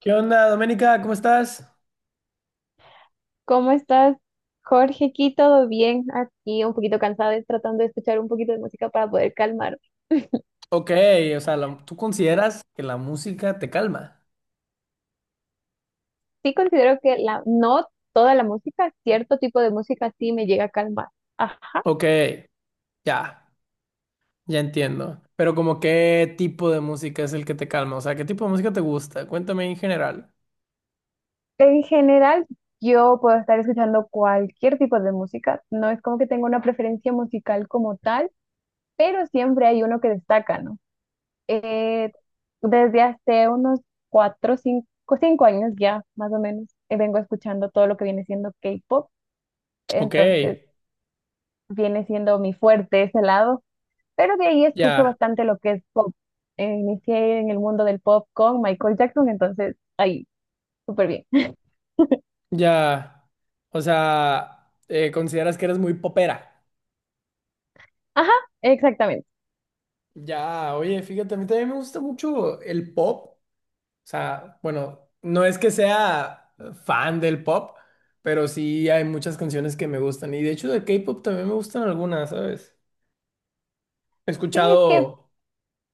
¿Qué onda, Doménica? ¿Cómo estás? ¿Cómo estás, Jorge? Aquí todo bien, aquí un poquito cansada, y tratando de escuchar un poquito de música para poder calmar. Ok, o sea, ¿tú consideras que la música te calma? Sí considero que la, no toda la música, cierto tipo de música sí me llega a calmar. Ajá. Ok, ya, ya entiendo. Pero como qué tipo de música es el que te calma, o sea, ¿qué tipo de música te gusta? Cuéntame en general. En general, yo puedo estar escuchando cualquier tipo de música. No es como que tenga una preferencia musical como tal, pero siempre hay uno que destaca, ¿no? Eh, desde hace unos cuatro, cinco años ya, más o menos, vengo escuchando todo lo que viene siendo K-pop. Ok, Entonces, viene siendo mi fuerte ese lado, pero de ahí escucho ya, bastante lo que es pop. Inicié en el mundo del pop con Michael Jackson, entonces ahí, súper bien. ya. O sea, ¿consideras que eres muy popera? Ajá, exactamente. Ya, oye, fíjate, a mí también me gusta mucho el pop. O sea, bueno, no es que sea fan del pop, pero sí hay muchas canciones que me gustan. Y de hecho de K-pop también me gustan algunas, ¿sabes? He Sí, es que escuchado,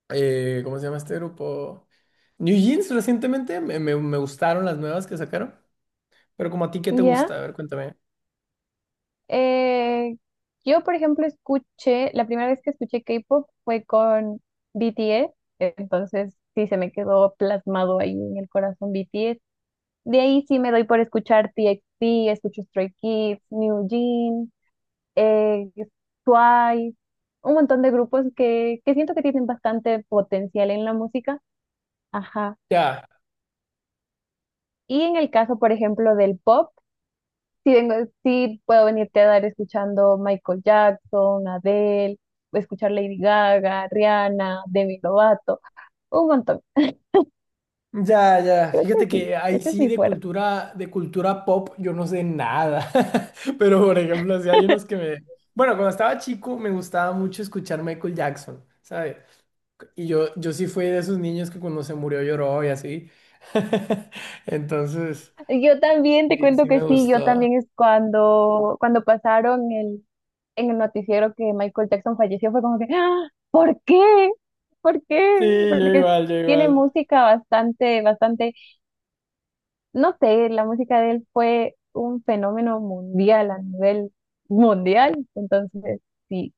¿cómo se llama este grupo? New Jeans recientemente, me gustaron las nuevas que sacaron. Pero como a ti, ¿qué te ya. gusta? A ver, cuéntame. eh, yo, por ejemplo, la primera vez que escuché K-pop fue con BTS, entonces sí se me quedó plasmado ahí en el corazón BTS. De ahí sí me doy por escuchar TXT, escucho Stray Kids, New Jeans. eh, Twice, un montón de grupos que siento que tienen bastante potencial en la música. Ajá. Ya, Y en el caso, por ejemplo, del pop, sí, vengo, sí puedo venirte a dar escuchando Michael Jackson, Adele, o escuchar Lady Gaga, Rihanna, Demi Lovato, un montón. ya, ya. Creo que Fíjate sí, que ahí ese es sí mi fuerte. De cultura pop yo no sé nada. Pero por ejemplo, si hay unos que me... Bueno, cuando estaba chico me gustaba mucho escuchar Michael Jackson, ¿sabes? Y yo sí fui de esos niños que cuando se murió lloró y así. Entonces, Yo también te sí, cuento sí que me sí, yo gustó. también es cuando pasaron el en el noticiero que Michael Jackson falleció fue como que, ¡ah! ¿Por qué? ¿Por Sí, qué? yo Porque igual, yo tiene igual. música bastante, bastante, no sé, la música de él fue un fenómeno mundial a nivel mundial, entonces sí,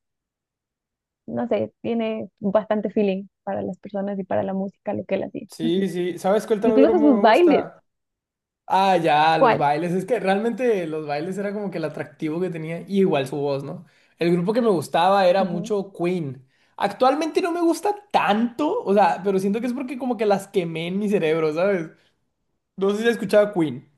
no sé, tiene bastante feeling para las personas y para la música, lo que él hacía. Sí, sí. ¿Sabes cuál también Incluso grupo sus me bailes, gusta? Ah, ya, los ¿cuál? bailes. Es que realmente los bailes era como que el atractivo que tenía. Y igual su voz, ¿no? El grupo que me gustaba era mucho Queen. Actualmente no me gusta tanto, o sea, pero siento que es porque como que las quemé en mi cerebro, ¿sabes? No sé si has escuchado Queen.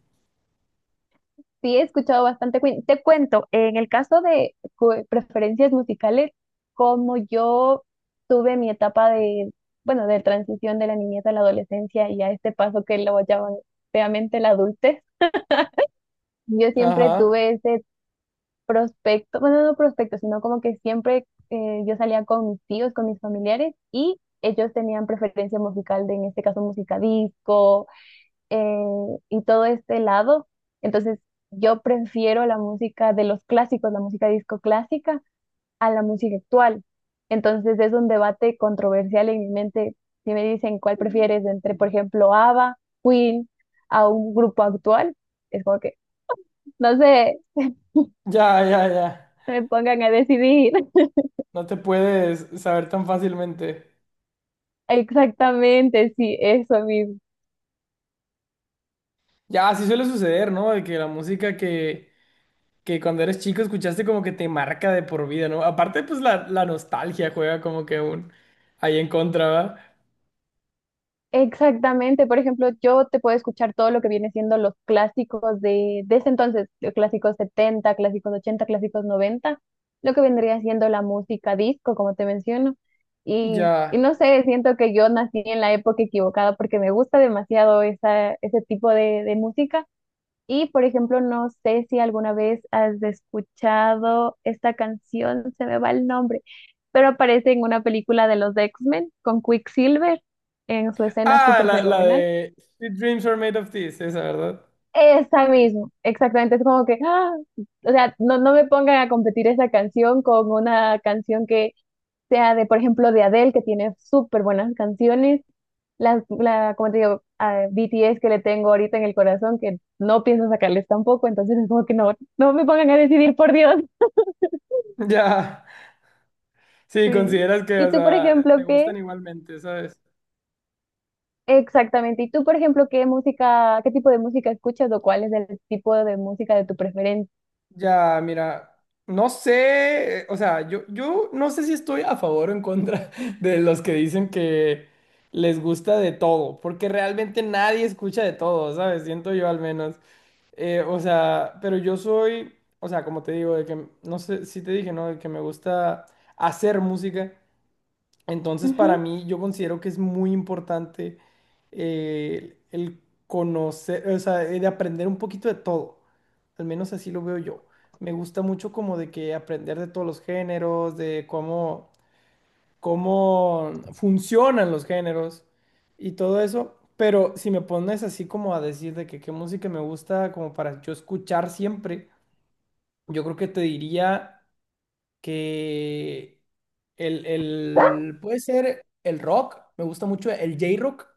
Sí, he escuchado bastante Queen. Te cuento, en el caso de preferencias musicales, como yo tuve mi etapa de, bueno, de transición de la niñez a la adolescencia y a este paso que lo llaman feamente la adultez, yo siempre Ajá. tuve ese prospecto, bueno, no prospecto, sino como que siempre yo salía con mis tíos, con mis familiares y ellos tenían preferencia musical de, en este caso, música disco eh, y todo este lado. Entonces, yo prefiero la música de los clásicos, la música disco clásica, a la música actual. Entonces, es un debate controversial en mi mente. Si me dicen cuál prefieres entre, por ejemplo, ABBA, Queen, a un grupo actual, es como que, no sé, Ya, ya, ya. me pongan a decidir. No te puedes saber tan fácilmente. Exactamente, sí, eso mismo. Ya, así suele suceder, ¿no? De que la música que cuando eres chico escuchaste como que te marca de por vida, ¿no? Aparte, pues la nostalgia juega como que un ahí en contra, ¿verdad? Exactamente, por ejemplo, yo te puedo escuchar todo lo que viene siendo los clásicos de ese entonces, los clásicos setenta, clásicos ochenta, clásicos noventa, lo que vendría siendo la música disco, como te menciono. Y Ya. no sé, siento que yo nací en la época equivocada porque me gusta demasiado esa, ese tipo de música, y, por ejemplo, no sé si alguna vez has escuchado esta canción, se me va el nombre, pero aparece en una película de los X-Men con Quicksilver en su escena Ah, súper la fenomenal. de Sweet Dreams Are Made of This, esa, ¿verdad? Esa mismo, exactamente, es como que, ¡ah! O sea, no, no me pongan a competir esa canción con una canción que sea de, por ejemplo, de Adele, que tiene súper buenas canciones, la, como te digo, a BTS que le tengo ahorita en el corazón, que no pienso sacarles tampoco, entonces es como que no, no me pongan a decidir, por Dios. Ya. Sí, Sí. consideras que, ¿Y o tú, por sea, te ejemplo, qué? gustan igualmente, ¿sabes? Exactamente. ¿Y tú, por ejemplo, qué música, qué tipo de música escuchas o cuál es el tipo de música de tu preferencia? Ya, mira, no sé, o sea, yo no sé si estoy a favor o en contra de los que dicen que les gusta de todo, porque realmente nadie escucha de todo, ¿sabes? Siento yo al menos. O sea, pero yo soy, o sea, como te digo, de que, no sé si te dije, ¿no? De que me gusta hacer música. Entonces, para Ujú. mí, yo considero que es muy importante el conocer, o sea, de aprender un poquito de todo. Al menos así lo veo yo. Me gusta mucho como de que aprender de todos los géneros, de cómo, cómo funcionan los géneros y todo eso. Pero si me pones así como a decir de que qué música me gusta como para yo escuchar siempre, yo creo que te diría que puede ser el rock, me gusta mucho el J-Rock.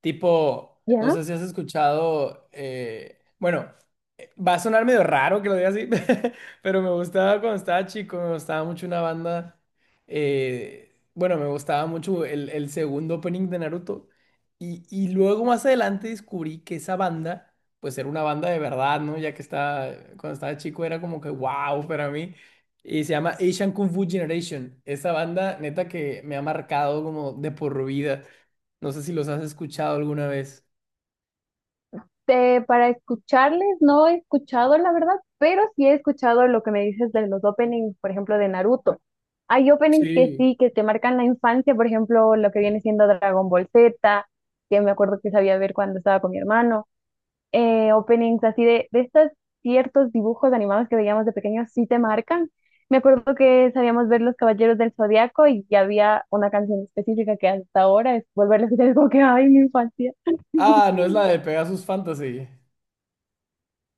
Tipo, no ¿Ya? sé si has escuchado, bueno, va a sonar medio raro que lo diga así, pero me gustaba cuando estaba chico, me gustaba mucho una banda, bueno, me gustaba mucho el segundo opening de Naruto. Y luego más adelante descubrí que esa banda, pues era una banda de verdad, ¿no? Ya que estaba, cuando estaba chico era como que wow para mí. Y se llama Asian Kung Fu Generation. Esa banda, neta, que me ha marcado como de por vida. No sé si los has escuchado alguna vez. Este, para escucharles, no he escuchado la verdad, pero sí he escuchado lo que me dices de los openings, por ejemplo, de Naruto. Hay openings que Sí. sí, que te marcan la infancia, por ejemplo, lo que viene siendo Dragon Ball Z, que me acuerdo que sabía ver cuando estaba con mi hermano. Openings así de estos ciertos dibujos animados que veíamos de pequeños, sí te marcan. Me acuerdo que sabíamos ver Los Caballeros del Zodiaco y había una canción específica que hasta ahora es volverla a escuchar, es como que, ay, mi infancia. Ah, no es la de Pegasus Fantasy.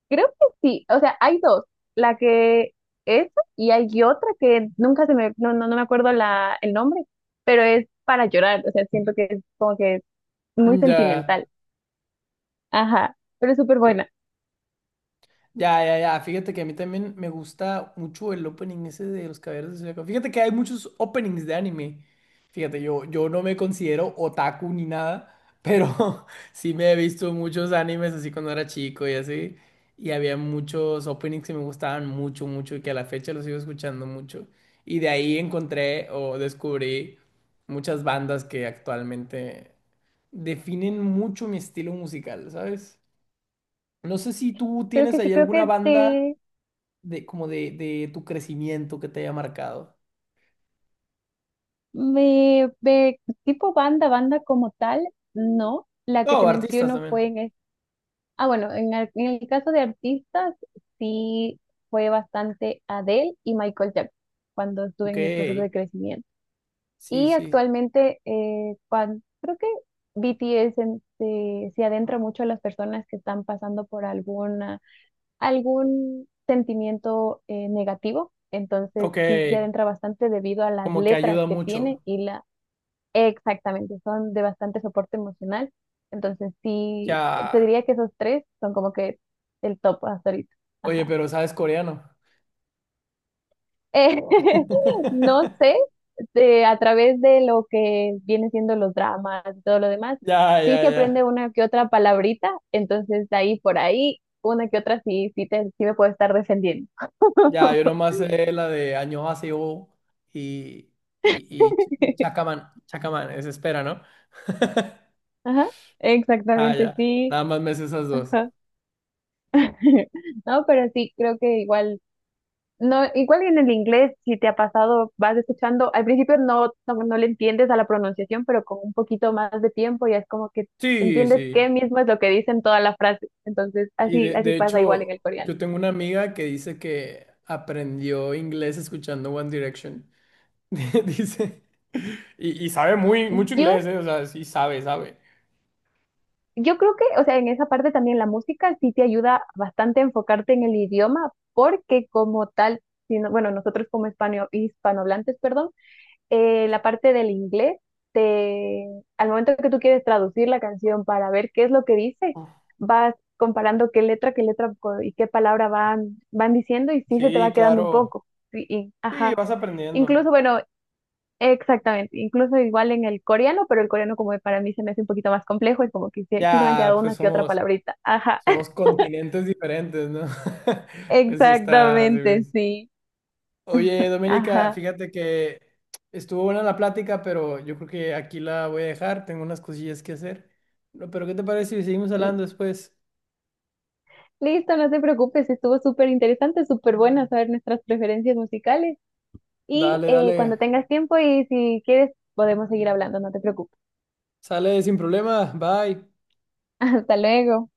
Creo que sí, o sea, hay dos, la que es y hay otra que nunca se me, no, no, no me acuerdo la, el nombre, pero es para llorar, o sea, siento que es como que muy Mm, sentimental, ya. ajá, pero es súper buena. Ya, ya, ya. Fíjate que a mí también me gusta mucho el opening ese de Los Caballeros del Zodiaco. Fíjate que hay muchos openings de anime. Fíjate, yo no me considero otaku ni nada, pero sí me he visto muchos animes así cuando era chico y así. Y había muchos openings que me gustaban mucho, mucho y que a la fecha los sigo escuchando mucho. Y de ahí encontré o descubrí muchas bandas que actualmente definen mucho mi estilo musical, ¿sabes? No sé si tú Creo tienes que ahí sí, creo alguna que banda de, de como de tu crecimiento que te haya marcado. me, me- tipo banda, banda como tal, no, la que No, te artistas menciono fue también. en, ah, bueno, en el, caso de artistas, sí fue bastante Adele y Michael Jackson cuando estuve Ok, en mi proceso de crecimiento. sí, Y sí. actualmente, creo que BTS se adentra mucho a las personas que están pasando por alguna, algún sentimiento negativo. Entonces, Ok, sí se adentra bastante debido a las como que letras ayuda que tiene mucho. y la, exactamente, son de bastante soporte emocional. Entonces, sí, te Ya. diría que esos tres son como que el top hasta ahorita. Oye, Ajá. pero ¿sabes coreano? Eh, no sé a través de lo que viene siendo los dramas y todo lo demás, Ya, sí ya, se aprende ya. una que otra palabrita, entonces de ahí por ahí, una que otra sí, sí, sí me puedo estar defendiendo. Ya, yo nomás sé la de Añohaseyo y, y, y Chacaman. Chacaman, es espera, ¿no? Ajá, Ah, exactamente, ya. sí. Nada más me sé esas dos. Ajá. No, pero sí, creo que igual, no, igual en el inglés, si te ha pasado, vas escuchando, al principio no, no, no le entiendes a la pronunciación, pero con un poquito más de tiempo ya es como que Sí, entiendes qué sí. mismo es lo que dicen toda la frase. Entonces, Y así, así de pasa igual en el hecho, coreano. yo tengo una amiga que dice que aprendió inglés escuchando One Direction. Dice, y sabe muy, mucho inglés, Yo, ¿eh? O sea, sí sabe, sabe. yo creo que, o sea, en esa parte también la música sí te ayuda bastante a enfocarte en el idioma, porque como tal, si bueno, nosotros como hispano, hispanohablantes, perdón, la parte del inglés, te, al momento que tú quieres traducir la canción para ver qué es lo que dice, vas comparando qué letra, y qué palabra van diciendo y sí se te Sí, va quedando un claro. poco. Y, y, Sí, ajá. vas aprendiendo. Incluso, bueno, exactamente, incluso igual en el coreano, pero el coreano como para mí se me hace un poquito más complejo, es como que sí, sí se me han Ya, quedado pues una que otra somos, palabrita. Ajá, somos continentes diferentes, ¿no? Pues sí está. Así exactamente, es. sí. Oye, Doménica, Ajá. fíjate que estuvo buena la plática, pero yo creo que aquí la voy a dejar. Tengo unas cosillas que hacer. No, pero ¿qué te parece si seguimos L- hablando después? Listo, no te preocupes, estuvo súper interesante, súper buena saber nuestras preferencias musicales y Dale, cuando dale. tengas tiempo y si quieres podemos seguir hablando, no te preocupes. Sale sin problema. Bye. Hasta luego.